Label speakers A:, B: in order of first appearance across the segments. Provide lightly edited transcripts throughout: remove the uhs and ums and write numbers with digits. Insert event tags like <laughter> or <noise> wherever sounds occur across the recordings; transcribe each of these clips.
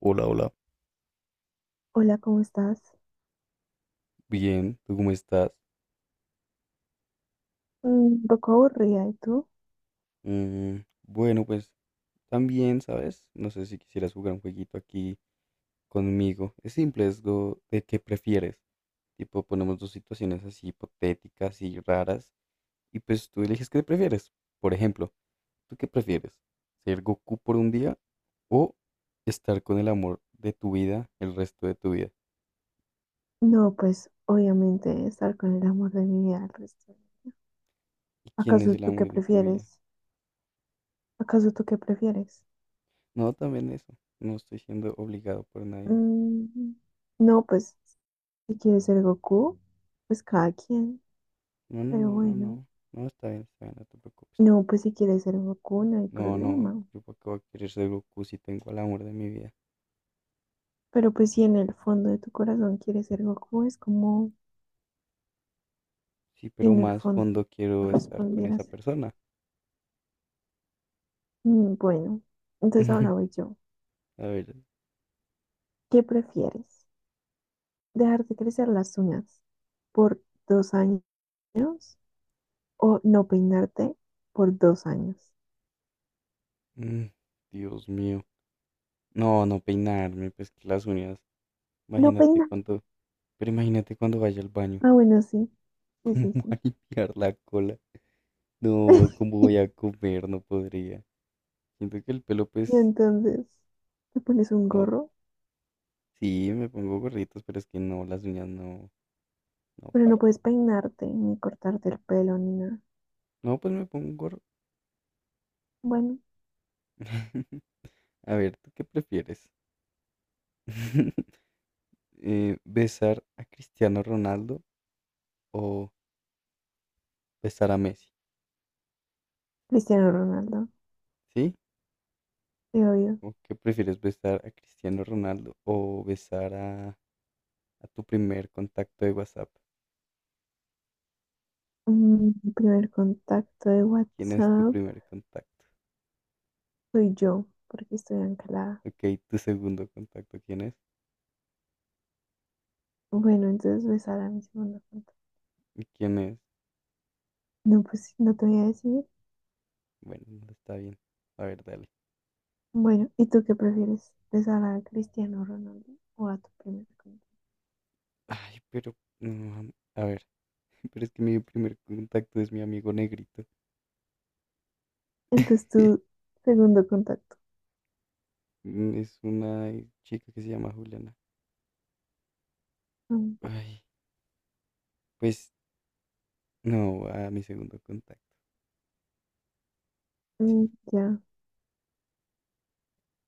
A: Hola, hola.
B: Hola, ¿cómo estás?
A: Bien, ¿tú cómo estás?
B: Mm. Un poco aburrida, ¿y tú?
A: Mm, bueno, pues también, ¿sabes? No sé si quisieras jugar un jueguito aquí conmigo. Es simple, es lo de qué prefieres. Tipo, ponemos dos situaciones así hipotéticas y raras y pues tú eliges qué prefieres. Por ejemplo, ¿tú qué prefieres? ¿Ser Goku por un día o estar con el amor de tu vida el resto de tu vida?
B: No, pues obviamente estar con el amor de mi vida el resto.
A: ¿Y quién es
B: ¿Acaso
A: el
B: tú qué
A: amor de tu vida?
B: prefieres? ¿Acaso tú qué prefieres?
A: No, también eso. No estoy siendo obligado por nadie.
B: Mm, no, pues si quieres ser Goku, pues cada quien,
A: No, no,
B: pero
A: no, no,
B: bueno.
A: no. No, está bien, no te preocupes.
B: No, pues si quieres ser Goku no hay
A: No, no,
B: problema.
A: yo para qué voy a querer ser Goku si tengo al amor de mi vida.
B: Pero pues si en el fondo de tu corazón quieres ser Goku, es como
A: Sí,
B: si
A: pero
B: en el
A: más
B: fondo
A: fondo quiero estar con esa
B: respondieras.
A: persona.
B: Bueno, entonces ahora
A: <laughs>
B: voy yo.
A: A ver.
B: ¿Qué prefieres? Dejarte crecer las uñas por 2 años o no peinarte por 2 años.
A: mm, Dios mío. No, no peinarme, pues que las uñas.
B: No
A: Imagínate
B: peinar.
A: cuando, pero imagínate cuando vaya al baño.
B: Ah, bueno, sí.
A: <laughs>
B: Sí,
A: ¿Cómo
B: sí,
A: voy a
B: sí.
A: limpiar la cola? No, ¿cómo
B: <laughs>
A: voy a comer? No podría. Siento que el pelo,
B: Y
A: pues,
B: entonces te pones un
A: no,
B: gorro,
A: sí, me pongo gorritos, pero es que no, las uñas no, no
B: pero no
A: baila.
B: puedes peinarte ni cortarte el pelo ni nada.
A: No, pues me pongo.
B: Bueno,
A: <laughs> A ver, ¿tú qué prefieres? <laughs> ¿Besar a Cristiano Ronaldo o besar a Messi?
B: Cristiano Ronaldo,
A: ¿Sí?
B: te odio.
A: ¿O qué prefieres, besar a Cristiano Ronaldo o besar a tu primer contacto de WhatsApp?
B: Mi primer contacto de
A: ¿Quién es tu
B: WhatsApp
A: primer contacto?
B: soy yo, porque estoy anclada.
A: Ok, tu segundo contacto, ¿quién es?
B: Bueno, entonces besar a mi segundo contacto.
A: ¿Y quién es?
B: No, pues no te voy a decir.
A: Bueno, no está bien. A ver, dale.
B: Bueno, ¿y tú qué prefieres? ¿Besar a Cristiano Ronaldo o a tu primer contacto?
A: Ay, pero, a ver, <laughs> pero es que mi primer contacto es mi amigo negrito.
B: Entonces, tu
A: <laughs>
B: segundo contacto.
A: Es una chica que se llama Juliana.
B: Mm,
A: Ay, pues no, a mi segundo contacto, sí,
B: mm, ya,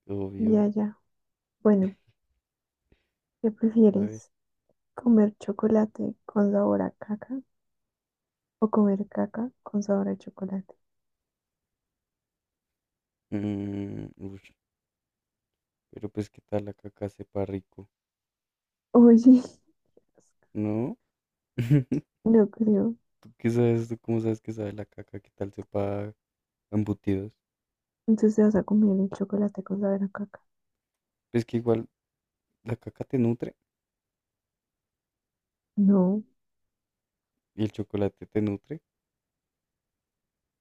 A: obvio.
B: ya, ya. Bueno, ¿qué
A: A ver.
B: prefieres? ¿Comer chocolate con sabor a caca o comer caca con sabor a chocolate?
A: Ush, pero pues qué tal la caca sepa rico,
B: Oye, <laughs>
A: ¿no? <laughs>
B: no creo.
A: ¿Tú qué sabes? ¿Tú cómo sabes que sabe la caca? ¿Qué tal sepa a embutidos?
B: Entonces, ¿te vas a comer el chocolate con sabor a caca?
A: Pues que igual la caca te nutre
B: No,
A: y el chocolate te nutre.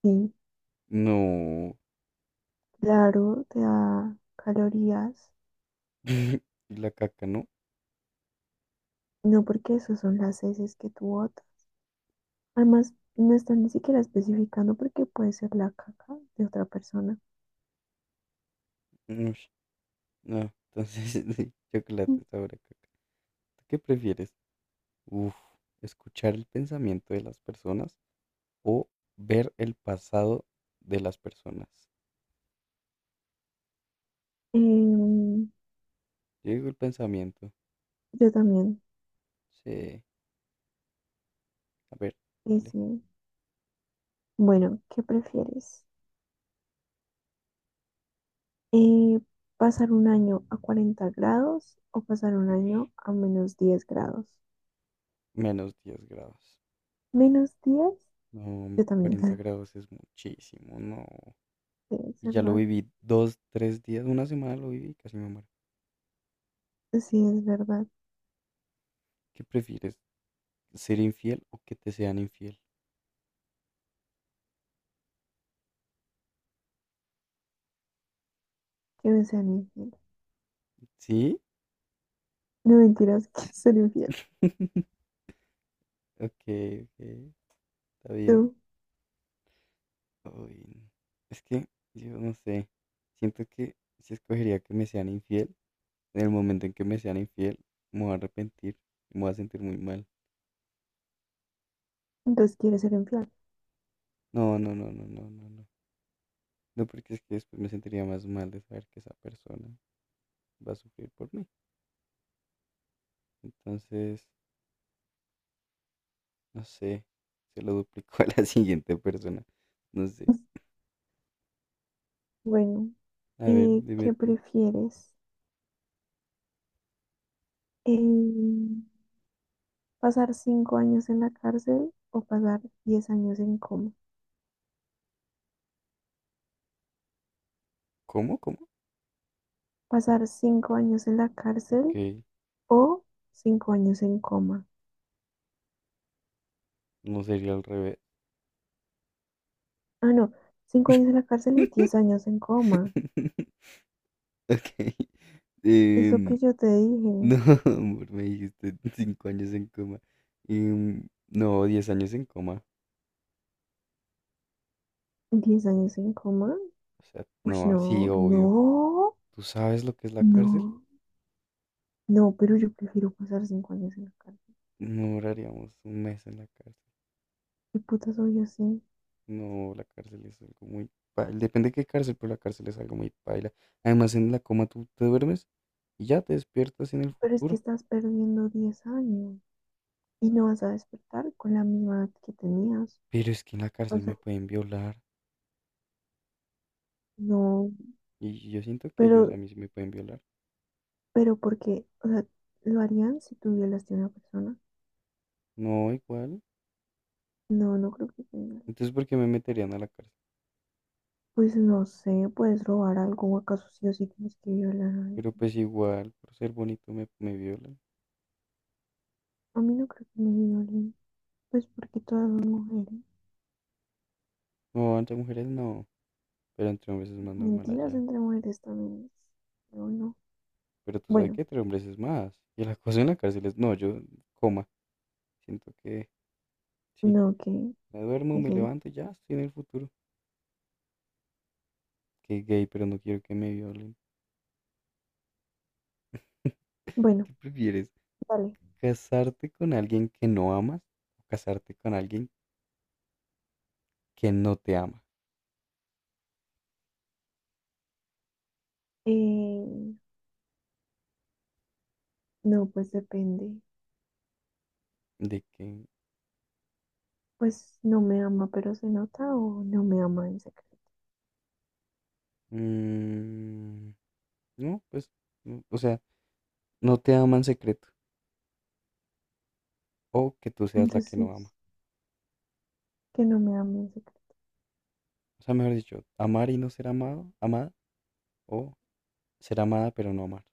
B: sí,
A: No.
B: claro, te da calorías.
A: <laughs> Y la caca, ¿no?
B: No, porque eso son las heces que tu botas. Además, no están ni siquiera especificando porque puede ser la caca de otra persona.
A: Ush, no, entonces <laughs> sí,
B: Mm.
A: chocolate sabe a caca. ¿Tú qué prefieres? Uf, escuchar el pensamiento de las personas o ver el pasado de las personas.
B: Em,
A: Yo digo el pensamiento.
B: yo también.
A: Sí, a ver, dale.
B: Dice, bueno, ¿qué prefieres? Eh, ¿Pasar un año a 40 grados o pasar un
A: Uy,
B: año a -10 grados?
A: -10 grados.
B: ¿Menos diez?
A: No,
B: Yo también.
A: 40
B: <laughs>
A: grados es muchísimo, no.
B: Sí, es
A: Y ya lo
B: verdad.
A: viví dos, 3 días, una semana lo viví, casi me muero.
B: Sí, es verdad.
A: ¿Qué prefieres? ¿Ser infiel o que te sean infiel?
B: Que me sean infiel.
A: ¿Sí?
B: No mentiras, <laughs> quiero ser infiel.
A: Ok, ok, está bien.
B: Tú,
A: Uy, es que yo no sé. Siento que si escogería que me sean infiel. En el momento en que me sean infiel, me voy a arrepentir, me voy a sentir muy mal.
B: entonces quieres ser infiel.
A: No, no, no, no, no, no, no. No, porque es que después me sentiría más mal de saber que esa persona va a sufrir por mí. Entonces, no sé, se lo duplico a la <laughs> siguiente persona. No sé.
B: <laughs> Bueno,
A: A ver, dime
B: ¿qué
A: tú.
B: prefieres? Eh, Pasar 5 años en la cárcel o pasar 10 años en coma.
A: ¿Cómo? ¿Cómo?
B: Pasar cinco años en la cárcel
A: Ok,
B: o 5 años en coma.
A: no sería al revés.
B: Ah, no, 5 años en la cárcel y 10 años en coma.
A: <laughs> Ok.
B: Es lo que
A: Em,
B: yo te
A: no,
B: dije.
A: <laughs> amor, me dijiste 5 años en coma. No, 10 años en coma.
B: 10 años en coma.
A: O sea,
B: Uy,
A: no, sí,
B: no,
A: obvio.
B: no,
A: ¿Tú sabes lo que es la cárcel?
B: no, no, pero yo prefiero pasar 5 años en la cárcel.
A: No duraríamos un mes en la cárcel.
B: ¿Qué puta soy yo así?
A: No, la cárcel es algo muy paila. Depende de qué cárcel, pero la cárcel es algo muy paila. Además, en la coma tú te duermes y ya te despiertas en el
B: Pero es que
A: futuro.
B: estás perdiendo 10 años y no vas a despertar con la misma edad que tenías.
A: Pero es que en la
B: O
A: cárcel
B: sea,
A: me pueden violar.
B: no,
A: Y yo siento que ellos a
B: pero
A: mí sí me pueden violar.
B: Pero porque, o sea, ¿lo harían si tú violaste a una persona?
A: No, igual.
B: No, no creo que te violen.
A: Entonces, ¿por qué me meterían a la cárcel?
B: Pues no sé, puedes robar algo o acaso sí o sí tienes que violar a alguien.
A: Pero pues igual, por ser bonito me violan.
B: A mí no creo que me violen, pues porque todas son mujeres.
A: No, entre mujeres no. Pero entre hombres es más normal
B: Mentiras
A: allá.
B: entre mujeres también es, no, no.
A: Pero tú sabes
B: Bueno,
A: que entre hombres es más. Y el acoso en la cárcel es, no, yo, coma. Siento que, sí,
B: no, que,
A: me duermo,
B: que
A: me
B: gay.
A: levanto y ya estoy en el futuro. Que gay, pero no quiero que me violen.
B: Bueno,
A: ¿Qué prefieres?
B: vale.
A: ¿Casarte con alguien que no amas o casarte con alguien que no te ama?
B: Eh, no, pues depende.
A: De que,
B: Pues no me ama, pero se nota o no me ama en secreto.
A: mm, no, pues, no, o sea, no te ama en secreto. O que tú seas la que no ama.
B: Entonces, que no me ame en secreto.
A: O sea, mejor dicho, amar y no ser amado, amada, o ser amada pero no amar.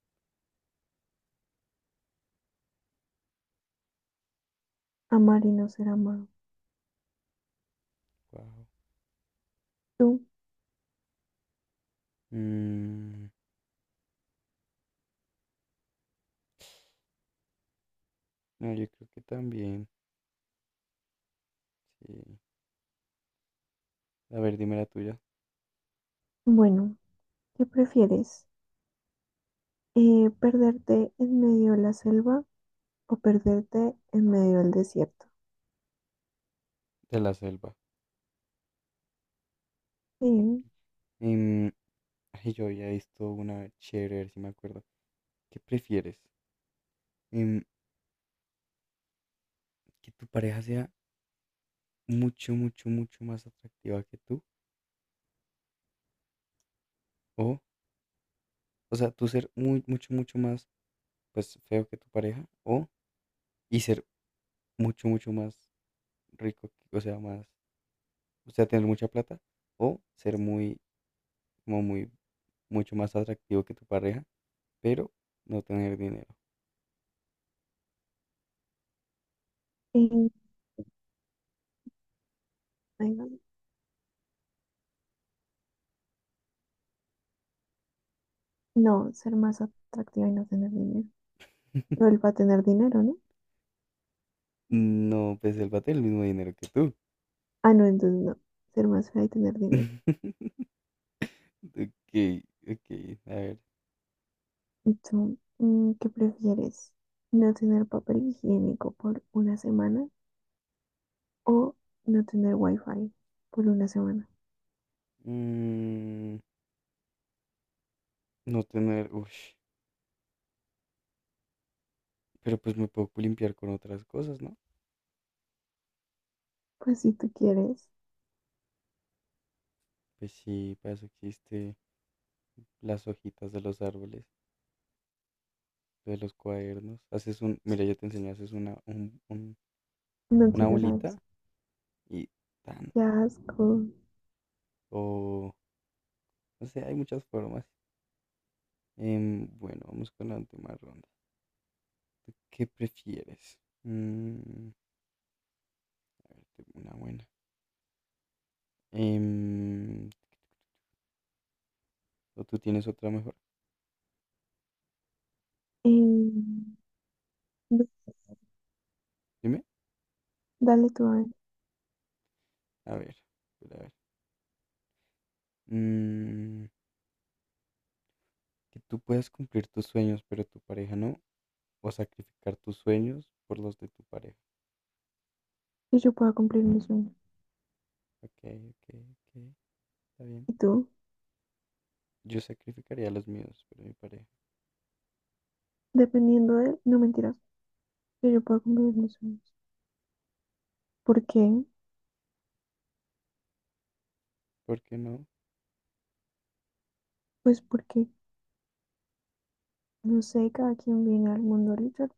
B: Amar y no ser amado.
A: Wow.
B: ¿Tú?
A: Mm. No, yo creo que también. Sí. A ver, dime la tuya.
B: Bueno, ¿qué prefieres? ¿Perderte en medio de la selva o perderte en medio del desierto?
A: De la selva.
B: Sí,
A: Papi. Em, Ay, yo había visto una chévere, a ver si me acuerdo. ¿Qué prefieres? Em, ¿Que tu pareja sea mucho, mucho, mucho más atractiva que tú? O, o sea, tú ser muy, mucho, mucho más, pues, feo que tu pareja. O, y ser mucho, mucho más rico, o sea, más, o sea, tener mucha plata. O ser muy, como muy, mucho más atractivo que tu pareja, pero no tener dinero.
B: y- ay, no, no, ser más atractiva y no tener dinero. No, él va a tener dinero, ¿no?
A: No, pues él bate el mismo dinero que tú.
B: Ah, no, entonces no. Ser más fea y tener dinero.
A: <laughs> Ok, ok, a ver.
B: ¿Y tú, qué prefieres? ¿No tener papel higiénico por una semana o no tener wifi por una semana?
A: Mm, no tener, uff, pero pues me puedo limpiar con otras cosas, ¿no?
B: Pues si tú quieres,
A: Pues sí, para eso existe las hojitas de los árboles, de los cuadernos. Haces un, mira, yo te enseñé, haces una,
B: no
A: una
B: quiero saber.
A: bolita y tan.
B: Qué asco.
A: O, no sé, hay muchas formas. Bueno, vamos con la última ronda. ¿Tú ¿Qué prefieres? A ver, tengo una buena. Em, ¿O tú tienes otra mejor?
B: Em, no.
A: Dime.
B: Dale tú a ver,
A: A ver, a ver. Mm, que tú puedas cumplir tus sueños, pero tu pareja no. O sacrificar tus sueños por los de tu pareja.
B: que yo pueda cumplir mis sueños.
A: Ok, ok, ok. Está bien.
B: Y tú,
A: Yo sacrificaría los míos por mi pareja.
B: dependiendo de, no mentiras, que yo pueda cumplir mis sueños. ¿Por qué?
A: ¿Por qué no?
B: Pues porque, no sé, cada quien viene al mundo a luchar,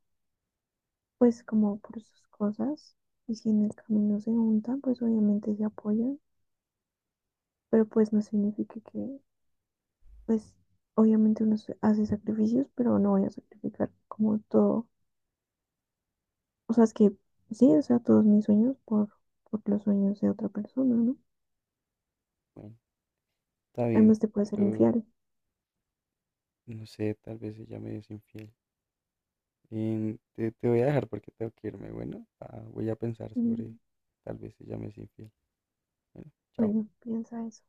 B: pues como por sus cosas. Y si en el camino se juntan, pues obviamente se apoyan. Pero pues no significa que, pues obviamente hace sacrificios, pero no voy a sacrificar como todo. O sea, es que sí, o sea, todos mis sueños por, los sueños de otra persona, ¿no?
A: Bueno, está bien.
B: Además te puede ser
A: Pero
B: infiel.
A: no sé, tal vez ella me es infiel. Te voy a dejar porque tengo que irme. Bueno, ah, voy a pensar sobre
B: Mm.
A: tal vez ella me es infiel. Bueno, chao.
B: Bueno, piensa eso.